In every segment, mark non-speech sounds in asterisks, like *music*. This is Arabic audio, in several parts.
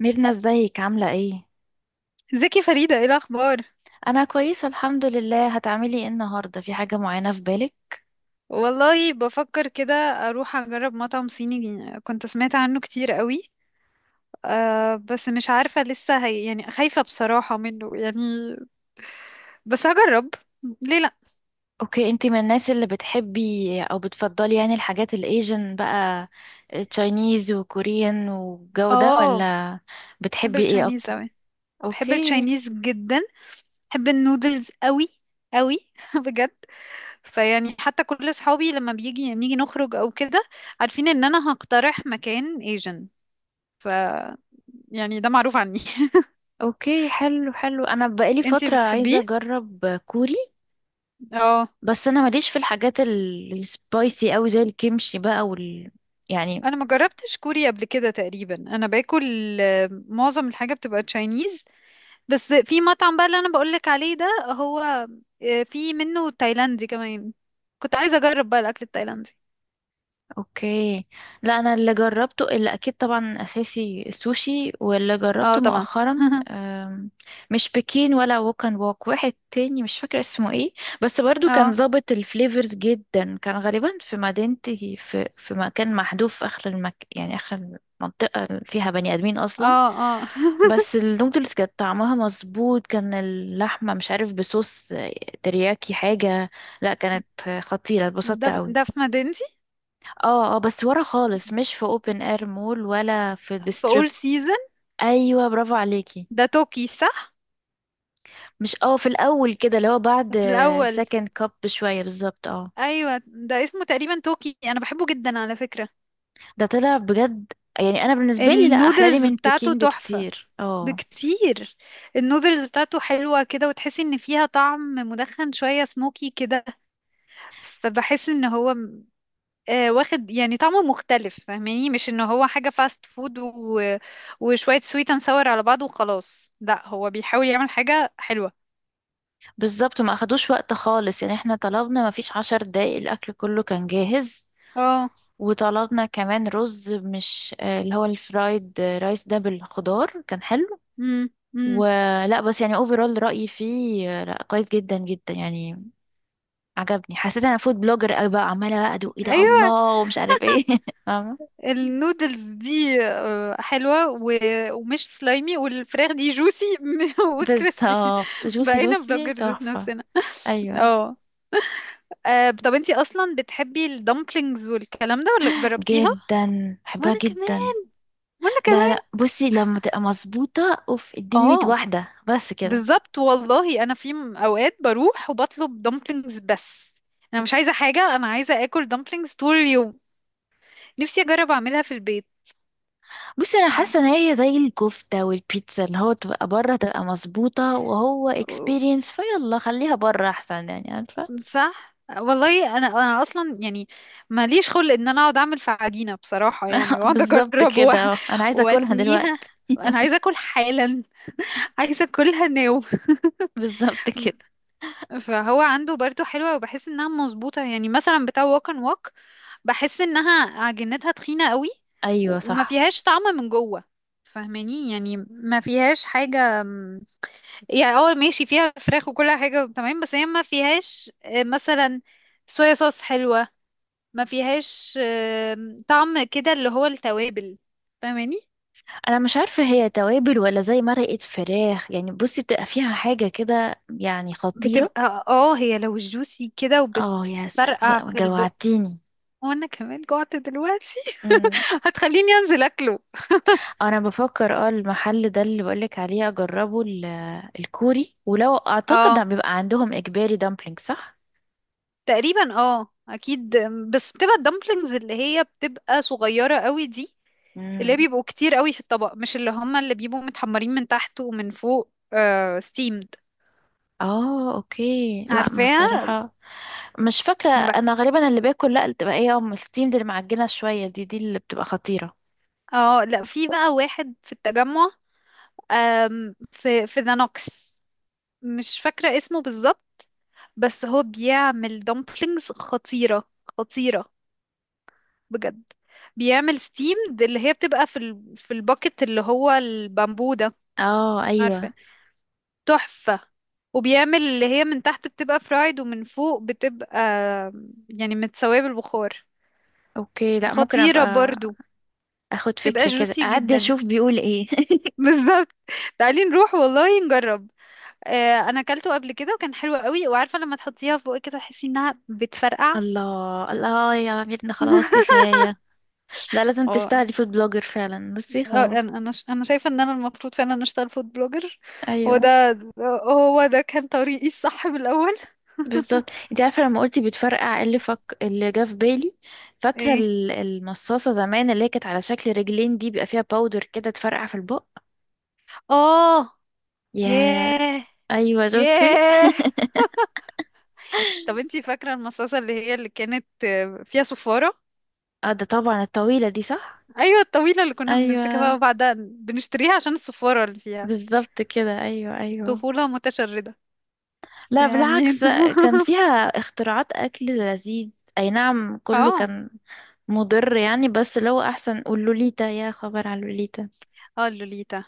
ميرنا، ازيك عاملة ايه؟ ازيك يا فريدة، ايه الأخبار؟ انا كويسة الحمد لله. هتعملي ايه النهاردة؟ في حاجة معينة في بالك؟ والله بفكر كده أروح أجرب مطعم صيني كنت سمعت عنه كتير قوي. بس مش عارفة لسه، هي يعني خايفة بصراحة منه يعني. بس هجرب. ليه لأ؟ اوكي، انتي من الناس اللي بتحبي او بتفضلي يعني الحاجات الايجن بقى، تشاينيز وكوريان والجو ده، اه، ولا بحب بتحبي ايه التشاينيز اكتر؟ قوي. بحب اوكي. التشاينيز جدا. بحب النودلز قوي قوي *laughs* بجد. فيعني حتى كل صحابي لما بيجي يعني نيجي نخرج أو كده، عارفين إن أنا هقترح مكان ايجن. ف يعني ده معروف عني. اوكي، حلو حلو، انا بقالي *laughs* انتي فترة عايزة بتحبيه؟ اجرب كوري. اه. بس انا ماليش في الحاجات السبايسي اوي زي الكيمشي بقى يعني. انا ما جربتش كوري قبل كده، تقريبا انا باكل معظم الحاجه بتبقى تشاينيز. بس في مطعم بقى اللي انا بقولك عليه ده هو، في منه تايلاندي كمان. كنت عايزه اجرب بقى الاكل التايلاندي. اوكي. لا، انا اللي جربته اللي اكيد طبعا اساسي السوشي، واللي اه جربته طبعا. مؤخرا *laughs* مش بكين ولا ووك اند ووك، واحد تاني مش فاكره اسمه ايه. بس برضو كان اه، ظابط الفليفرز جدا، كان غالبا في مدينتي في مكان محذوف في اخر يعني اخر منطقه فيها بني ادمين اصلا. اه، اه *laughs* بس النودلز كانت طعمها مظبوط، كان اللحمه مش عارف بصوص ترياكي حاجه. لا كانت خطيره، اتبسطت ده قوي. ده في مدينتي. اه، اه، بس ورا خالص، مش في اوبن اير مول ولا في في ديستريب. اول سيزون. ايوه، برافو عليكي. ده توكي صح؟ مش، اه، في الاول كده اللي هو بعد في الاول. سكند كاب بشويه بالظبط، اه. ايوه ده اسمه تقريبا توكي، انا بحبه جدا على فكره. ده طلع بجد. يعني انا بالنسبه لي، لا، احلى لي النودلز من بتاعته بكين تحفه. بكتير، اه. بكتير. النودلز بتاعته حلوة كده، وتحسي ان فيها طعم مدخن شوية، سموكي كده. فبحس ان هو واخد يعني طعمه مختلف، فاهماني؟ مش ان هو حاجة فاست فود وشوية سويت اند ساور على بعض وخلاص، لا هو بيحاول يعمل حاجة حلوة. بالظبط، ما اخدوش وقت خالص يعني، احنا طلبنا ما فيش 10 دقايق الاكل كله كان جاهز. اه. وطلبنا كمان رز، مش، اللي هو الفرايد رايس ده بالخضار، كان حلو. امم. امم. ولا بس يعني، اوفرول رأيي فيه لا، كويس جدا جدا يعني. عجبني، حسيت انا فود بلوجر قوي بقى، عماله بقى ادوق ايه ده ايوه. الله ومش عارف ايه. *laughs* فاهمه؟ النودلز دي حلوة ومش سلايمي، والفراخ دي جوسي *laughs* وكريسبي. بالظبط، جوسي بقينا لوسي بلوجرز في تحفه. نفسنا. ايوه، اه. آه، طب انتي اصلا بتحبي الدمبلينجز والكلام ده، ولا جربتيها؟ جدا بحبها وانا جدا. كمان. وانا لا كمان. لا، بصي، لما تبقى مظبوطه اوف اديني 100 اه. واحده بس كده. بالظبط والله، انا في اوقات بروح وبطلب دمبلينجز بس. انا مش عايزه حاجه، انا عايزه اكل دمبلينجز طول اليوم. نفسي اجرب اعملها في البيت. بصي، انا حاسه ان هي زي الكفته والبيتزا، اللي هو تبقى بره تبقى مظبوطه وهو و- اكسبيرينس فيلا، خليها بره احسن يعني، عارفه؟ صح والله، انا اصلا يعني ماليش خلق ان انا اقعد اعمل في عجينه بصراحه يعني، *laughs* واقعد بالظبط اجرب كده، انا عايزه اكلها واتنيها. دلوقتي. انا عايزه اكل حالا. عايزه اكلها ناو *laughs* بالظبط كده، فهو عنده برضو حلوة، وبحس انها مظبوطة، يعني مثلا بتاع ووك اند ووك بحس انها عجينتها تخينة قوي. ايوه وما صح. فيهاش طعم من جوه. فاهماني؟ يعني ما فيهاش حاجة يعني اه ماشي فيها فراخ وكل حاجة تمام، بس هي ما فيهاش مثلا صويا صوص حلوة. ما فيهاش طعم كده اللي هو التوابل. فاهماني؟ انا مش عارفه هي توابل ولا زي مرقه فراخ يعني، بصي بتبقى فيها حاجه كده يعني خطيره. بتبقى هي لو جوسي كده، اه، يا سلام وبتفرقع بقى، في البق. جوعتيني. وانا كمان جوعت دلوقتي. امم. هتخليني انزل اكله. انا بفكر، المحل ده اللي بقولك عليه اجربه الكوري، ولو اعتقد ده اه بيبقى عندهم اجباري دامبلينج، صح؟ تقريبا، اه اكيد. بس بتبقى الدمبلينجز اللي هي بتبقى صغيرة قوي دي، اللي هي مم. بيبقوا كتير قوي في الطبق، مش اللي هما اللي بيبقوا متحمرين من تحت ومن فوق، آه ستيمد. اه، اوكي، لا عارفاها. بصراحه، مش فاكره، انا بقى، انا غالبا اللي باكل، لا اللي بتبقى ايه، الستيم دي، المعجنه شويه، دي اللي بتبقى خطيره. اه لا في بقى واحد في التجمع، في ذا نوكس. مش فاكرة اسمه بالظبط، بس هو بيعمل دمبلينجز خطيرة. خطيرة بجد. بيعمل ستيمد اللي هي بتبقى في في الباكت اللي هو البامبو ده، اه، ايوه، عارفة؟ تحفة. وبيعمل اللي هي من تحت بتبقى فرايد ومن فوق بتبقى يعني متسوية بالبخار. اوكي، لا ممكن خطيرة ابقى برضو. اخد بتبقى فكرة كده، جوسي اعدي جدا اشوف بيقول ايه. *laughs* بالظبط. تعالي نروح والله نجرب. انا اكلته قبل كده وكان حلو قوي، وعارفة لما تحطيها في بقك كده تحسي انها *laughs* بتفرقع. الله، الله، يا ميرنا، خلاص *laughs* كفاية. لا، لازم اه. تستاهلي فود بلوجر فعلا، بصي اه، خلاص. انا شايفه ان انا المفروض فعلا اشتغل فود بلوجر. هو ايوه. ده. هو ده كان طريقي الصح من الاول. بالظبط، *laughs* انت عارفة لما قلتي بتفرقع إيه اللي فك اللي جه في بالي؟ فاكرة ايه، المصاصة زمان اللي هي كانت على شكل رجلين دي، بيبقى فيها باودر كده تفرقع في البق؟ اه. يا ياه. ايوه، شفتي؟ ياه. طب *laughs* انتي فاكره المصاصه اللي هي اللي كانت فيها صفاره؟ اه، ده طبعا الطويلة دي، صح. ايوه الطويله اللي كنا بنمسكها بقى ايوه، وبعدها بنشتريها عشان الصفاره اللي فيها. بالظبط كده، ايوه ايوه. طفوله متشرده بس لا يعني *laughs* بالعكس، كان فيها اختراعات اكل لذيذ. اي نعم، كله اه، كان مضر يعني، بس لو احسن قول لوليتا، يا خبر على لوليتا. اه، اللوليتا.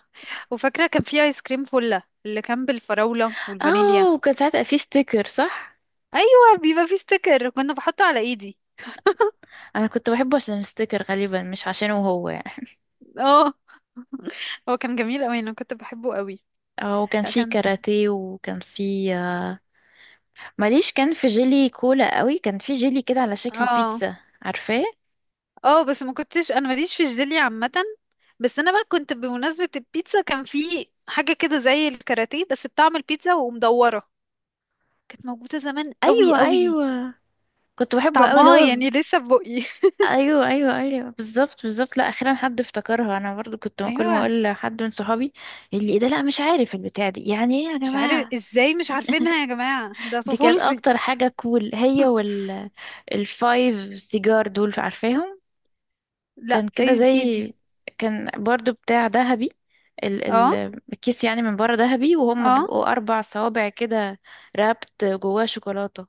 وفاكره كان في ايس كريم فله اللي كان بالفراوله والفانيليا. اه، وكان ساعتها في ستيكر، صح. ايوه بيبقى فيه ستيكر، كنا بحطه على ايدي. انا كنت بحبه عشان الستيكر غالبا، مش عشانه هو يعني. اه هو كان جميل قوي، انا كنت بحبه قوي. اه، وكان لا في كان. كاراتيه، وكان في ماليش. كان في جيلي كولا قوي، كان في جيلي كده على شكل اه، بيتزا، عارفاه؟ اه، بس ما كنتش، انا ماليش في الجيلي عامه. بس انا بقى كنت بمناسبه البيتزا، كان في حاجه كده زي الكاراتيه بس بطعم البيتزا ومدوره. كانت موجوده زمان قوي ايوه قوي. ايوه، كنت بحبه قوي اللي طعمها هو. يعني لسه في بقي. ايوه ايوه ايوه، بالظبط بالظبط، لا اخيرا حد افتكرها، انا برضو كنت *laughs* ما كل ما ايوه. اقول لحد من صحابي، اللي إيه ده، لا مش عارف البتاع دي يعني ايه يا مش عارف جماعه. ازاي مش عارفينها يا جماعه، ده دي كانت طفولتي. اكتر حاجه كول، هي وال الفايف سيجار دول، عارفاهم؟ لا كان كده زي، ايدي ايدي. كان برضو بتاع ذهبي، ال اه، ال الكيس يعني من بره ذهبي، وهم اه، بيبقوا 4 صوابع كده، رابط جواه شوكولاته.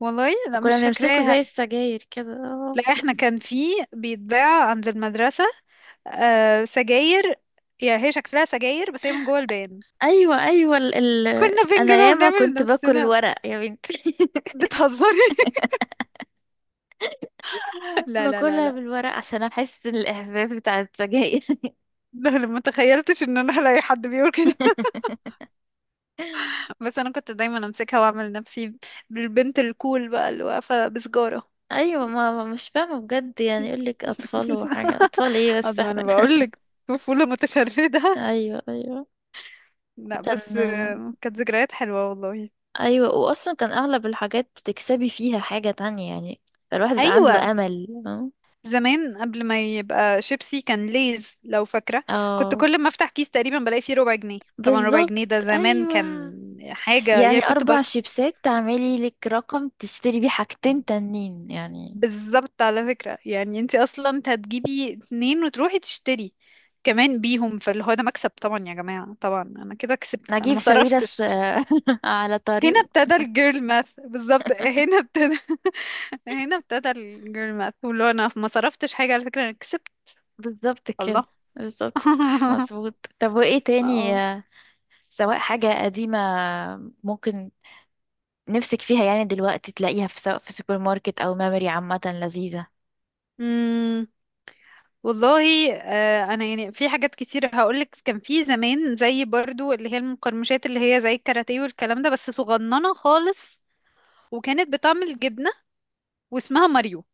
والله لا وكنا مش بنمسكه فاكراها. زي السجاير كده. لا احنا كان في، بيتباع عند المدرسة، آه سجاير. يعني هي شكلها سجاير بس هي من جوه البان. ايوه ايوه، كنا انا بنجيبها ياما ونعمل كنت باكل نفسنا. الورق يا بنتي. *laughs* بتهزري؟ *laughs* لا، لا، لا، باكلها لا *laughs* بالورق عشان احس الاحساس بتاع السجاير. لا، لا، ما تخيلتش ان انا هلاقي حد بيقول كده. *laughs* *laughs* بس انا كنت دايما امسكها واعمل نفسي بالبنت الكول بقى اللي واقفة بسجارة. ايوه، مش فاهمه بجد يعني، يقول لك اطفال *laughs* وحاجه، اطفال ايه بس أما احنا. انا بقول *laughs* لك، طفولة متشردة *laughs* ايوه ايوه، لا كان. بس كانت ذكريات حلوة والله. ايوه، واصلا كان اغلب الحاجات بتكسبي فيها حاجه تانية يعني، فالواحد بقى ايوه عنده امل، فاهمة؟ زمان قبل ما يبقى شيبسي كان ليز، لو فاكرة. كنت اه، كل ما افتح كيس تقريبا بلاقي فيه ربع جنيه، طبعا ربع بالظبط، جنيه ده زمان ايوه، كان حاجة يعني يعني، كنت أربع شيبسات تعملي لك رقم تشتري بيه حاجتين تانيين يعني. بالظبط على فكرة، يعني انت اصلا انت هتجيبي اتنين وتروحي تشتري كمان بيهم، فاللي هو ده مكسب طبعا يا جماعة، طبعا انا كده كسبت، انا نجيب ما ساويرس، صرفتش. *laughs* على هنا طريقه. ابتدى الجيرل ماث، بالظبط هنا ابتدى. *laughs* هنا ابتدى الجيرل ماث، واللي هو انا ما صرفتش حاجة على فكرة، انا كسبت. بالظبط كده. الله. بالظبط، صح *laughs* مظبوط. طب وإيه تاني اه سواء حاجة قديمة ممكن نفسك فيها يعني دلوقتي تلاقيها، في سواء في سوبر ماركت أو ميموري عامة لذيذة؟ والله، انا يعني في حاجات كتير هقولك. كان في زمان زي برضو اللي هي المقرمشات اللي هي زي الكاراتيه والكلام ده بس صغننه خالص، وكانت بتعمل جبنه واسمها ماريو،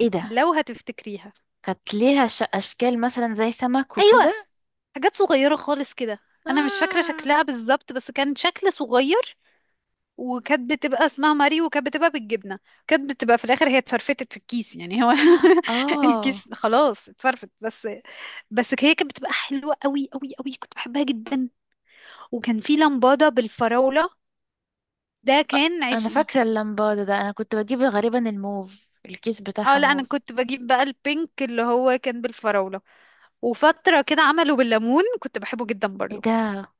إيه ده؟ لو هتفتكريها. كانت ليها أشكال مثلا زي سمك ايوه وكده؟ حاجات صغيره خالص كده. انا مش فاكره آه. شكلها بالظبط بس كان شكل صغير، وكانت بتبقى اسمها ماريو وكانت بتبقى بالجبنه. كانت بتبقى في الاخر هي اتفرفتت في الكيس، يعني هو *laughs* آه. الكيس خلاص اتفرفت بس. بس هي كانت بتبقى حلوه قوي قوي قوي، كنت بحبها جدا. وكان في لمبادة بالفراولة، ده كان انا عشقي. فاكره اللمبادة ده، انا كنت بجيب غالبا الموف، الكيس اه بتاعها لا انا موف. كنت بجيب بقى البينك اللي هو كان بالفراولة. وفترة كده عملوا بالليمون، كنت بحبه جدا ايه برضو. ده؟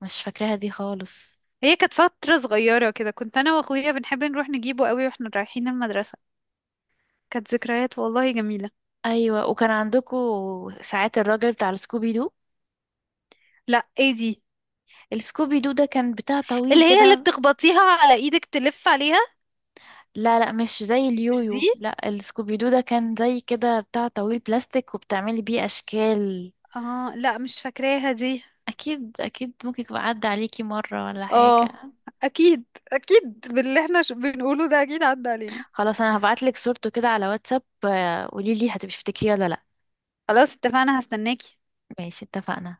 مش فاكراها دي خالص. هي كانت فترة صغيرة كده، كنت انا واخويا بنحب نروح نجيبه قوي واحنا رايحين المدرسة. كانت ذكريات والله جميلة. ايوه، وكان عندكو ساعات الراجل بتاع السكوبي دو؟ لا ايه دي؟ السكوبي دو ده كان بتاع طويل اللي هي اللي كده. بتخبطيها على ايدك تلف عليها؟ لا لا، مش زي مش دي، اليويو، لا، السكوبي دو ده كان زي كده بتاع طويل بلاستيك، وبتعملي بيه اشكال. اه لا مش فاكراها دي. اكيد اكيد، ممكن يبقى عدى عليكي مره ولا اه حاجه. اكيد. اكيد باللي احنا بنقوله ده اكيد عدى علينا. خلاص، انا هبعتلك صورته كده على واتساب، قوليلي هتبقي تفتكريه ولا لا. خلاص اتفقنا هستناكي. ماشي، اتفقنا.